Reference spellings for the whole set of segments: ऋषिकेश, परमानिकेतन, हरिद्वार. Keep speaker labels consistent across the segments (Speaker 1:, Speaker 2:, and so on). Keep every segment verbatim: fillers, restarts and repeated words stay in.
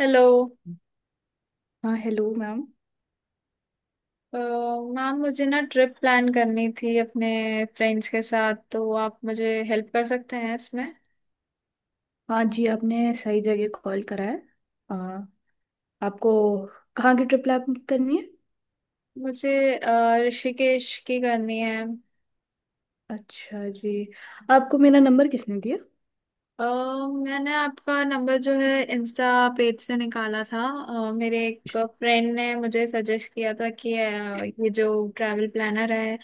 Speaker 1: Hello.
Speaker 2: हाँ, hello ma'am.
Speaker 1: अ, ma'am मुझे ना ट्रिप प्लान करनी थी अपने फ्रेंड्स के साथ, तो आप मुझे हेल्प कर सकते हैं इसमें।
Speaker 2: हाँ जी, आपने सही जगह कॉल करा है। हाँ। आपको कहाँ की ट्रिप प्लान करनी है?
Speaker 1: मुझे अ, ऋषिकेश की करनी है।
Speaker 2: अच्छा जी। आपको मेरा नंबर किसने दिया?
Speaker 1: अ, मैंने आपका नंबर जो है इंस्टा पेज से निकाला था। अ, मेरे एक
Speaker 2: अच्छा,
Speaker 1: फ्रेंड ने मुझे सजेस्ट किया था कि अ, ये जो ट्रैवल प्लानर है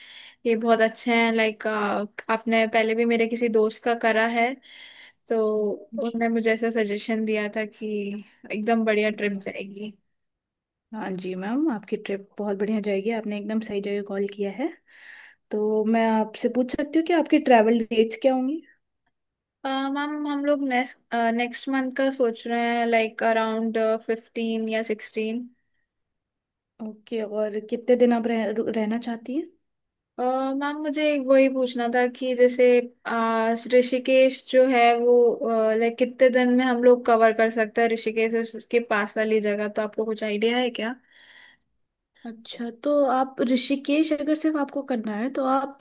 Speaker 1: ये बहुत अच्छे हैं, लाइक आपने पहले भी मेरे किसी दोस्त का करा है, तो
Speaker 2: जी
Speaker 1: उन्होंने मुझे ऐसा सजेशन दिया था कि एकदम बढ़िया ट्रिप
Speaker 2: जी।
Speaker 1: जाएगी।
Speaker 2: हाँ जी मैम, आपकी ट्रिप बहुत बढ़िया जाएगी, आपने एकदम सही जगह कॉल किया है। तो मैं आपसे पूछ सकती हूँ कि आपकी ट्रैवल डेट्स क्या होंगी?
Speaker 1: अ, मैम हम लोग नेक्स्ट नेक्स्ट मंथ का सोच रहे हैं, लाइक अराउंड फिफ्टीन या सिक्सटीन।
Speaker 2: ओके, और कितने दिन आप रह, रु- रहना चाहती हैं?
Speaker 1: अह, मैम मुझे एक वही पूछना था कि जैसे अ, ऋषिकेश जो है वो लाइक कितने दिन में हम लोग कवर कर सकते हैं, ऋषिकेश उस- उसके पास वाली जगह, तो आपको कुछ आइडिया है क्या?
Speaker 2: अच्छा, तो आप ऋषिकेश अगर सिर्फ आपको करना है तो आप,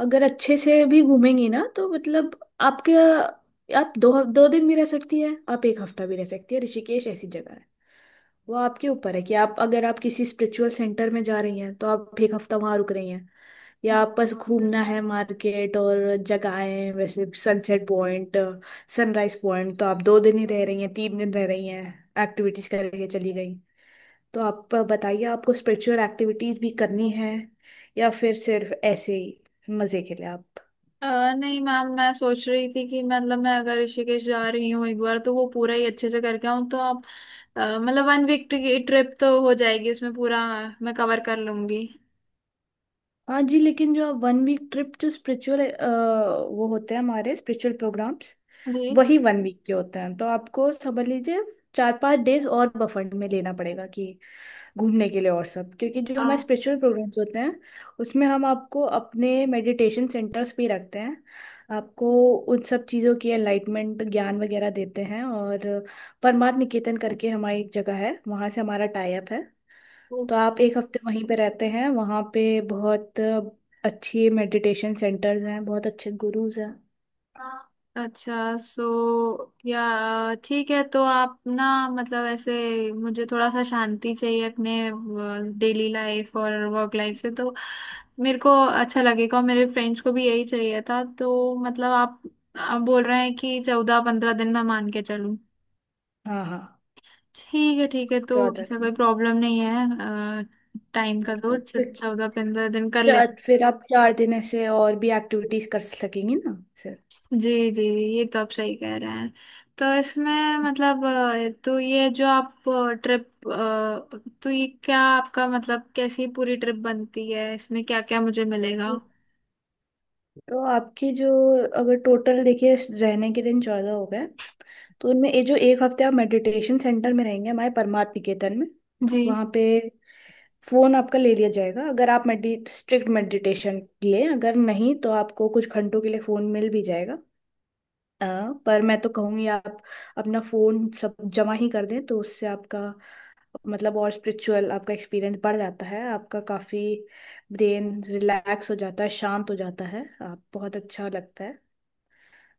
Speaker 2: अगर अच्छे से भी घूमेंगी ना तो मतलब आपके, आप दो दो दिन भी रह सकती है, आप एक हफ्ता भी रह सकती है, ऋषिकेश ऐसी जगह है। वो आपके ऊपर है कि आप, अगर आप किसी स्पिरिचुअल सेंटर में जा रही हैं तो आप एक हफ्ता वहां रुक रही हैं, या आप बस घूमना है मार्केट और जगहें, वैसे सनसेट पॉइंट, सनराइज पॉइंट, तो आप दो दिन ही रह रही हैं, तीन दिन रह रही हैं, एक्टिविटीज करके चली गई। तो आप बताइए, आपको स्पिरिचुअल एक्टिविटीज भी करनी है, या फिर सिर्फ ऐसे ही मजे के लिए आप।
Speaker 1: अ, नहीं मैम, मैं सोच रही थी कि मतलब मैं अगर ऋषिकेश जा रही हूँ एक बार तो वो पूरा ही अच्छे से करके आऊँ, तो आप अ, मतलब वन वीक की ट्रिप तो हो जाएगी, उसमें पूरा मैं कवर कर लूंगी।
Speaker 2: हाँ जी, लेकिन जो वन वीक ट्रिप जो स्पिरिचुअल, वो होते हैं हमारे स्पिरिचुअल प्रोग्राम्स,
Speaker 1: जी।
Speaker 2: वही वन वीक के होते हैं। तो आपको समझ लीजिए चार पांच डेज और बफर में लेना पड़ेगा कि घूमने के लिए, और सब क्योंकि जो
Speaker 1: आ,
Speaker 2: हमारे स्पिरिचुअल प्रोग्राम्स होते हैं उसमें हम आपको अपने मेडिटेशन सेंटर्स भी रखते हैं। आपको उन सब चीज़ों की एनलाइटमेंट, ज्ञान वगैरह देते हैं। और परमार्थ निकेतन करके हमारी एक जगह है, वहाँ से हमारा टाई अप है, तो आप एक हफ्ते वहीं पे रहते हैं। वहाँ पे बहुत अच्छे मेडिटेशन सेंटर्स हैं, बहुत अच्छे गुरुज हैं।
Speaker 1: अच्छा। सो या ठीक है, तो आप ना मतलब ऐसे मुझे थोड़ा सा शांति चाहिए अपने डेली लाइफ और वर्क लाइफ से, तो मेरे को अच्छा लगेगा और मेरे फ्रेंड्स को भी यही चाहिए था। तो मतलब आप आप बोल रहे हैं कि चौदह पंद्रह दिन मैं मान के चलूँ?
Speaker 2: हाँ हाँ।
Speaker 1: ठीक है, ठीक है। तो
Speaker 2: स्वागत।
Speaker 1: ऐसा कोई प्रॉब्लम नहीं है टाइम का, तो
Speaker 2: मतलब क्योंकि
Speaker 1: चौदह पंद्रह दिन कर
Speaker 2: चार-
Speaker 1: लेते।
Speaker 2: फिर आप चार दिन ऐसे और भी एक्टिविटीज कर सकेंगी ना सर।
Speaker 1: जी जी, ये तो आप सही कह रहे हैं। तो इसमें मतलब अ, तो ये जो आप ट्रिप, तो ये क्या आपका मतलब कैसी पूरी ट्रिप बनती है, इसमें क्या क्या मुझे मिलेगा?
Speaker 2: तो आपकी जो, अगर टोटल देखिए, रहने के दिन चौदह हो गए, तो उनमें ये जो एक हफ्ते आप मेडिटेशन सेंटर में रहेंगे हमारे परमार्थ निकेतन में,
Speaker 1: जी।
Speaker 2: वहाँ पे फोन आपका ले लिया जाएगा। अगर आप मेडि स्ट्रिक्ट मेडिटेशन लिए, अगर नहीं तो आपको कुछ घंटों के लिए फोन मिल भी जाएगा। अ, पर मैं तो कहूँगी आप अपना फोन सब जमा ही कर दें, तो उससे आपका मतलब और स्पिरिचुअल आपका एक्सपीरियंस बढ़ जाता है, आपका काफ़ी ब्रेन रिलैक्स हो जाता है, शांत हो जाता है, आप बहुत अच्छा लगता है।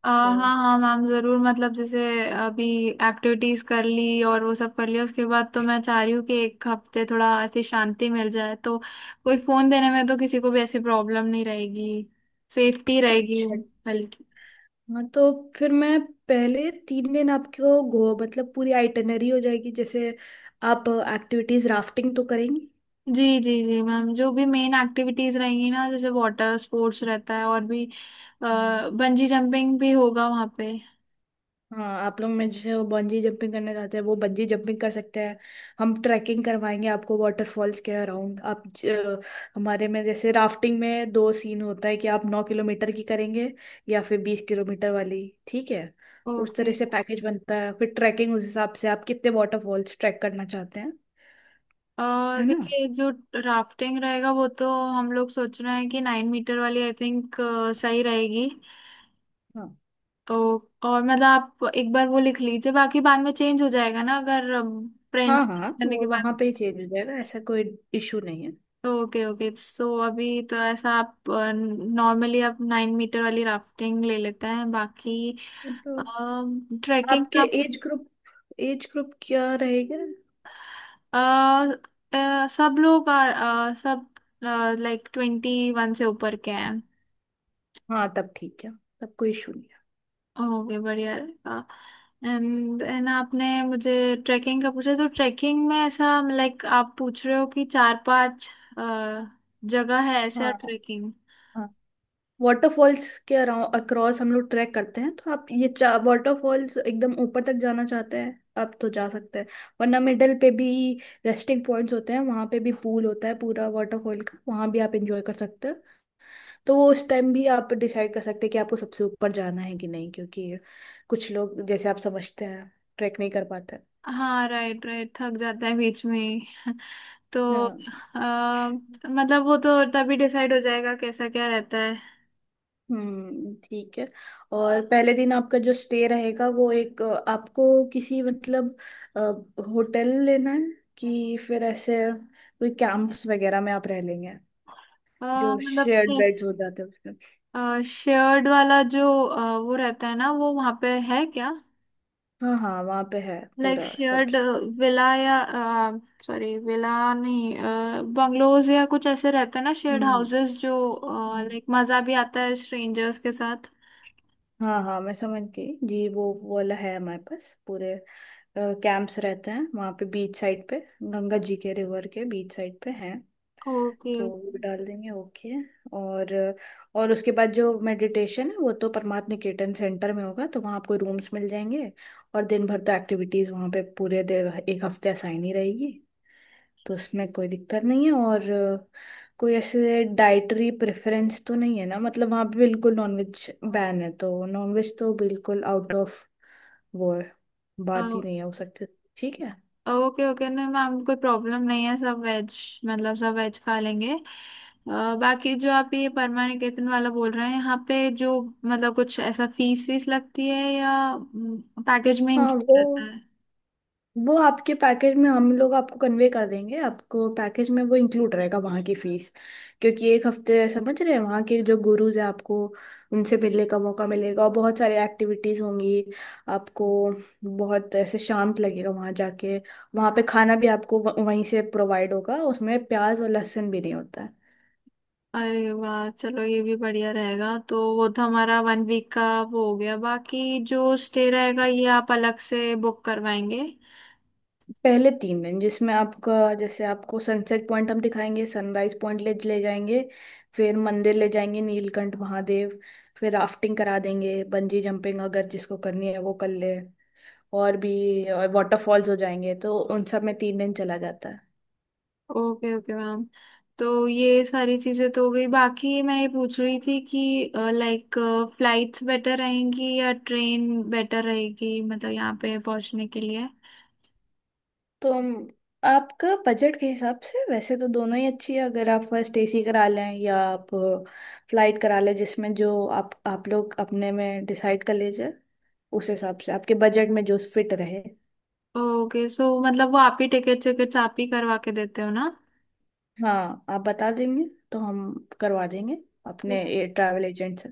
Speaker 1: अ,
Speaker 2: तो
Speaker 1: हाँ हाँ मैम, ज़रूर, मतलब जैसे अभी एक्टिविटीज़ कर ली और वो सब कर लिया उसके बाद, तो मैं चाह रही हूँ कि एक हफ्ते थोड़ा ऐसी शांति मिल जाए, तो कोई फ़ोन देने में तो किसी को भी ऐसी प्रॉब्लम नहीं रहेगी, सेफ्टी रहेगी
Speaker 2: अच्छा।
Speaker 1: बल्कि।
Speaker 2: हाँ, तो फिर मैं पहले तीन दिन आपको गो मतलब पूरी आइटनरी हो जाएगी, जैसे आप एक्टिविटीज, राफ्टिंग तो करेंगी।
Speaker 1: जी जी जी मैम, जो भी मेन एक्टिविटीज रहेंगी ना, जैसे वाटर स्पोर्ट्स रहता है और भी बंजी जंपिंग भी होगा वहाँ पे।
Speaker 2: हाँ, आप लोग में जैसे वो बंजी जंपिंग करने जाते हैं वो बंजी जंपिंग कर सकते हैं। हम ट्रैकिंग करवाएंगे आपको वाटरफॉल्स के अराउंड, आप ज- हमारे में जैसे राफ्टिंग में दो सीन होता है कि आप नौ किलोमीटर की करेंगे, या फिर बीस किलोमीटर वाली, ठीक है। उस
Speaker 1: ओके।
Speaker 2: तरह से पैकेज बनता है। फिर ट्रैकिंग, उस हिसाब से आप कितने वाटरफॉल्स ट्रैक करना चाहते हैं,
Speaker 1: अ,
Speaker 2: है ना।
Speaker 1: देखिए जो राफ्टिंग रहेगा वो तो हम लोग सोच रहे हैं कि नाइन मीटर वाली आई थिंक सही रहेगी।
Speaker 2: हाँ
Speaker 1: तो और मतलब आप एक बार वो लिख लीजिए, बाकी बाद में चेंज हो जाएगा ना अगर फ्रेंड्स
Speaker 2: हाँ हाँ,
Speaker 1: करने के
Speaker 2: वो
Speaker 1: बाद।
Speaker 2: वहाँ पे ही चेंज हो जाएगा, ऐसा कोई इशू नहीं है।
Speaker 1: Okay okay. सो अभी तो ऐसा, आप नॉर्मली आप नाइन मीटर वाली राफ्टिंग ले लेते हैं, बाकी
Speaker 2: तो
Speaker 1: ट्रैकिंग
Speaker 2: आपके
Speaker 1: का
Speaker 2: एज ग्रुप, एज ग्रुप क्या रहेगा?
Speaker 1: अ, अ, सब लोग आ, अ, सब लाइक ट्वेंटी वन से ऊपर के हैं।
Speaker 2: हाँ तब ठीक है, तब कोई इशू नहीं है।
Speaker 1: ओके, बढ़िया रहेगा। एंड एंड आपने मुझे ट्रैकिंग का पूछा, तो ट्रैकिंग में ऐसा लाइक आप पूछ रहे हो कि चार पांच अ, जगह है ऐसा
Speaker 2: हाँ
Speaker 1: ट्रैकिंग?
Speaker 2: हाँ, वाटरफॉल्स के अराउंड अक्रॉस हम लोग ट्रैक करते हैं, तो आप ये चा वाटरफॉल्स एकदम ऊपर तक जाना चाहते हैं आप, तो जा सकते हैं, वरना मिडल पे भी रेस्टिंग पॉइंट्स होते हैं, वहाँ पे भी पूल होता है पूरा वाटरफॉल का, वहाँ भी आप इंजॉय कर सकते हैं। तो वो उस टाइम भी आप डिसाइड कर सकते हैं कि आपको सबसे ऊपर जाना है कि नहीं, क्योंकि कुछ लोग, जैसे आप समझते हैं, ट्रैक नहीं कर पाते।
Speaker 1: हाँ राइट राइट, थक जाता है बीच में ही, तो
Speaker 2: हाँ।
Speaker 1: आ, मतलब वो तो तभी डिसाइड हो जाएगा कैसा क्या रहता है।
Speaker 2: हम्म, ठीक है। और पहले दिन आपका जो स्टे रहेगा, वो एक अ, आपको किसी मतलब होटल लेना है, कि फिर ऐसे कोई कैंप्स वगैरह में आप रह लेंगे
Speaker 1: आ,
Speaker 2: जो
Speaker 1: मतलब
Speaker 2: शेयर्ड बेड्स हो जाते हैं उसमें।
Speaker 1: शेयर्ड वाला जो अ, वो रहता है ना, वो वहाँ पे है क्या?
Speaker 2: हाँ हाँ, वहाँ पे है
Speaker 1: लाइक
Speaker 2: पूरा सब
Speaker 1: शेयर्ड
Speaker 2: चीज।
Speaker 1: विला या, सॉरी विला नहीं, बंगलोज या कुछ ऐसे रहते हैं ना शेयर्ड
Speaker 2: हम्म।
Speaker 1: हाउसेस जो,
Speaker 2: हाँ।
Speaker 1: लाइक मजा भी आता है स्ट्रेंजर्स के साथ।
Speaker 2: हाँ हाँ, मैं समझ गई जी, वो वो वाला है, हमारे पास पूरे कैंप्स रहते हैं वहाँ पे, बीच साइड पे गंगा जी के रिवर के बीच साइड पे हैं,
Speaker 1: ओके
Speaker 2: तो वो डाल देंगे, ओके। और और उसके बाद जो मेडिटेशन है वो तो परमार्थ निकेतन सेंटर में होगा, तो वहाँ आपको रूम्स मिल जाएंगे। और दिन भर तो एक्टिविटीज़ वहाँ पे पूरे देर एक हफ्ते असाइन ही रहेगी, तो उसमें कोई दिक्कत नहीं है। और अ, कोई ऐसे डाइटरी प्रेफरेंस तो नहीं है ना, मतलब वहाँ पे बिल्कुल नॉनवेज बैन है, तो नॉनवेज तो बिल्कुल आउट ऑफ, वो है, बात ही नहीं हो सकती, ठीक है।
Speaker 1: ओके ओके, नहीं मैम, कोई प्रॉब्लम नहीं है, सब वेज मतलब सब वेज खा लेंगे। अ, बाकी जो आप ये परमानिकेतन वाला बोल रहे हैं यहाँ पे जो, मतलब कुछ ऐसा फीस वीस लगती है या पैकेज में
Speaker 2: हाँ,
Speaker 1: इंक्लूड
Speaker 2: वो
Speaker 1: रहता है?
Speaker 2: वो आपके पैकेज में हम लोग आपको कन्वे कर देंगे, आपको पैकेज में वो इंक्लूड रहेगा वहाँ की फीस, क्योंकि एक हफ्ते समझ रहे हैं वहाँ के जो गुरुज हैं आपको उनसे मिलने का मौका मिलेगा और बहुत सारी एक्टिविटीज़ होंगी, आपको बहुत ऐसे शांत लगेगा वहाँ जाके। वहाँ पे खाना भी आपको व- वहीं से प्रोवाइड होगा, उसमें प्याज और लहसुन भी नहीं होता है।
Speaker 1: अरे वाह, चलो ये भी बढ़िया रहेगा। तो वो तो हमारा वन वीक का वो हो गया, बाकी जो स्टे रहेगा ये आप अलग से बुक करवाएंगे?
Speaker 2: पहले तीन दिन जिसमें आपका, जैसे आपको सनसेट पॉइंट हम दिखाएंगे, सनराइज पॉइंट ले ले जाएंगे, फिर मंदिर ले जाएंगे नीलकंठ महादेव, फिर राफ्टिंग करा देंगे, बंजी जंपिंग अगर जिसको करनी है वो कर ले, और भी, और वाटरफॉल्स हो जाएंगे, तो उन सब में तीन दिन चला जाता है।
Speaker 1: Okay okay ma'am. तो ये सारी चीजें तो हो गई, बाकी मैं ये पूछ रही थी कि लाइक फ्लाइट्स बेटर रहेंगी या ट्रेन बेटर रहेगी, मतलब यहाँ पे पहुँचने के लिए?
Speaker 2: तो हम- आपका बजट के हिसाब से वैसे तो दोनों ही अच्छी है, अगर आप फर्स्ट एसी करा लें, या आप फ्लाइट करा लें, जिसमें जो आप आप लोग अपने में डिसाइड कर लीजिए, उस हिसाब से आपके बजट में जो फिट रहे।
Speaker 1: ओके, सो मतलब वो आप ही टिकट टिकट्स आप ही करवा के देते हो ना?
Speaker 2: हाँ, आप बता देंगे तो हम करवा देंगे
Speaker 1: तो
Speaker 2: अपने ये ट्रैवल एजेंट से।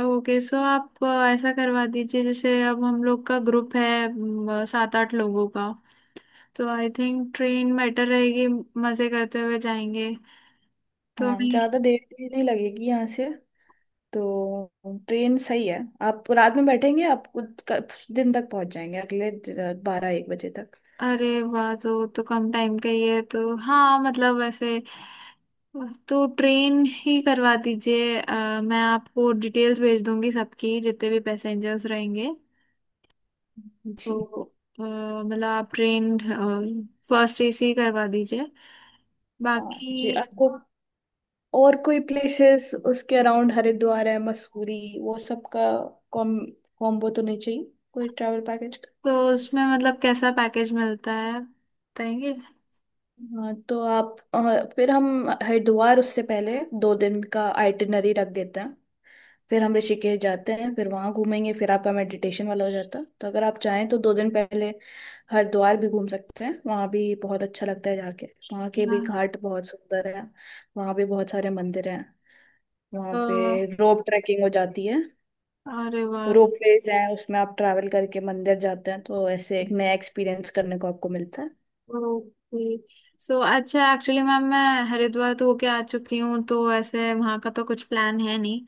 Speaker 1: ओके, सो आप अ, ऐसा करवा दीजिए, जैसे अब हम लोग का ग्रुप है म, सात आठ लोगों का, तो आई थिंक ट्रेन बेटर रहेगी, मजे करते हुए जाएंगे। तो
Speaker 2: हाँ,
Speaker 1: मैं,
Speaker 2: ज़्यादा देर भी नहीं लगेगी यहाँ से, तो ट्रेन सही है, आप रात में बैठेंगे, आप कुछ कुछ दिन तक पहुँच जाएंगे अगले बारह एक बजे तक।
Speaker 1: अरे वाह, तो तो कम टाइम का ही है, तो हाँ मतलब वैसे तो ट्रेन ही करवा दीजिए। अ, मैं आपको डिटेल्स भेज दूंगी सबकी, जितने भी पैसेंजर्स रहेंगे,
Speaker 2: जी।
Speaker 1: तो अ, मतलब आप ट्रेन फर्स्ट ए सी करवा दीजिए।
Speaker 2: हाँ
Speaker 1: बाकी
Speaker 2: जी, आपको और कोई प्लेसेस उसके अराउंड, हरिद्वार है, मसूरी, वो सब का कॉम कॉम्बो तो नहीं चाहिए कोई ट्रैवल पैकेज?
Speaker 1: तो उसमें मतलब कैसा पैकेज मिलता है बताएंगे?
Speaker 2: हाँ तो आप, अ, फिर हम हरिद्वार उससे पहले दो दिन का आइटिनरी रख देते हैं, फिर हम ऋषिकेश जाते हैं, फिर वहां घूमेंगे, फिर आपका मेडिटेशन वाला हो जाता है। तो अगर आप चाहें तो दो दिन पहले हरिद्वार भी घूम सकते हैं, वहां भी बहुत अच्छा लगता है जाके, वहां के भी
Speaker 1: हाँ
Speaker 2: घाट बहुत सुंदर है, वहां भी बहुत सारे मंदिर हैं, वहां
Speaker 1: तो,
Speaker 2: पे रोप ट्रैकिंग हो जाती है,
Speaker 1: अरे वाह,
Speaker 2: रोप वेज है, उसमें आप ट्रैवल करके मंदिर जाते हैं, तो ऐसे एक नया एक्सपीरियंस करने को आपको मिलता है।
Speaker 1: ओके, सो अच्छा, एक्चुअली मैम, मैं हरिद्वार तो होके आ चुकी हूँ, तो ऐसे वहाँ का तो कुछ प्लान है नहीं।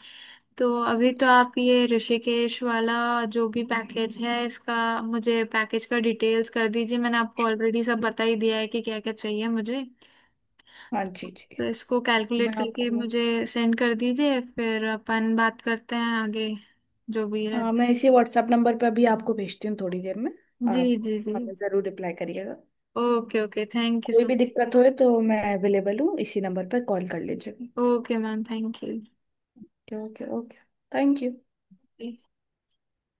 Speaker 1: तो अभी तो
Speaker 2: अच्छा।
Speaker 1: आप ये ऋषिकेश वाला जो भी पैकेज है इसका, मुझे पैकेज का डिटेल्स कर दीजिए। मैंने आपको ऑलरेडी सब बता ही दिया है कि क्या क्या चाहिए मुझे,
Speaker 2: हाँ जी जी,
Speaker 1: तो इसको कैलकुलेट
Speaker 2: मैं
Speaker 1: करके
Speaker 2: आपको,
Speaker 1: मुझे सेंड कर दीजिए, फिर अपन बात करते हैं आगे, जो भी
Speaker 2: हाँ
Speaker 1: रहता
Speaker 2: मैं
Speaker 1: है।
Speaker 2: इसी व्हाट्सएप नंबर पे अभी आपको भेजती हूँ थोड़ी देर में।
Speaker 1: जी
Speaker 2: आप
Speaker 1: जी जी,
Speaker 2: हमें ज़रूर रिप्लाई करिएगा,
Speaker 1: ओके ओके, थैंक यू।
Speaker 2: कोई
Speaker 1: सो
Speaker 2: भी दिक्कत होए तो मैं अवेलेबल हूँ इसी नंबर पर कॉल कर लीजिएगा।
Speaker 1: Okay ma'am, thank you.
Speaker 2: Okay okay okay, thank you.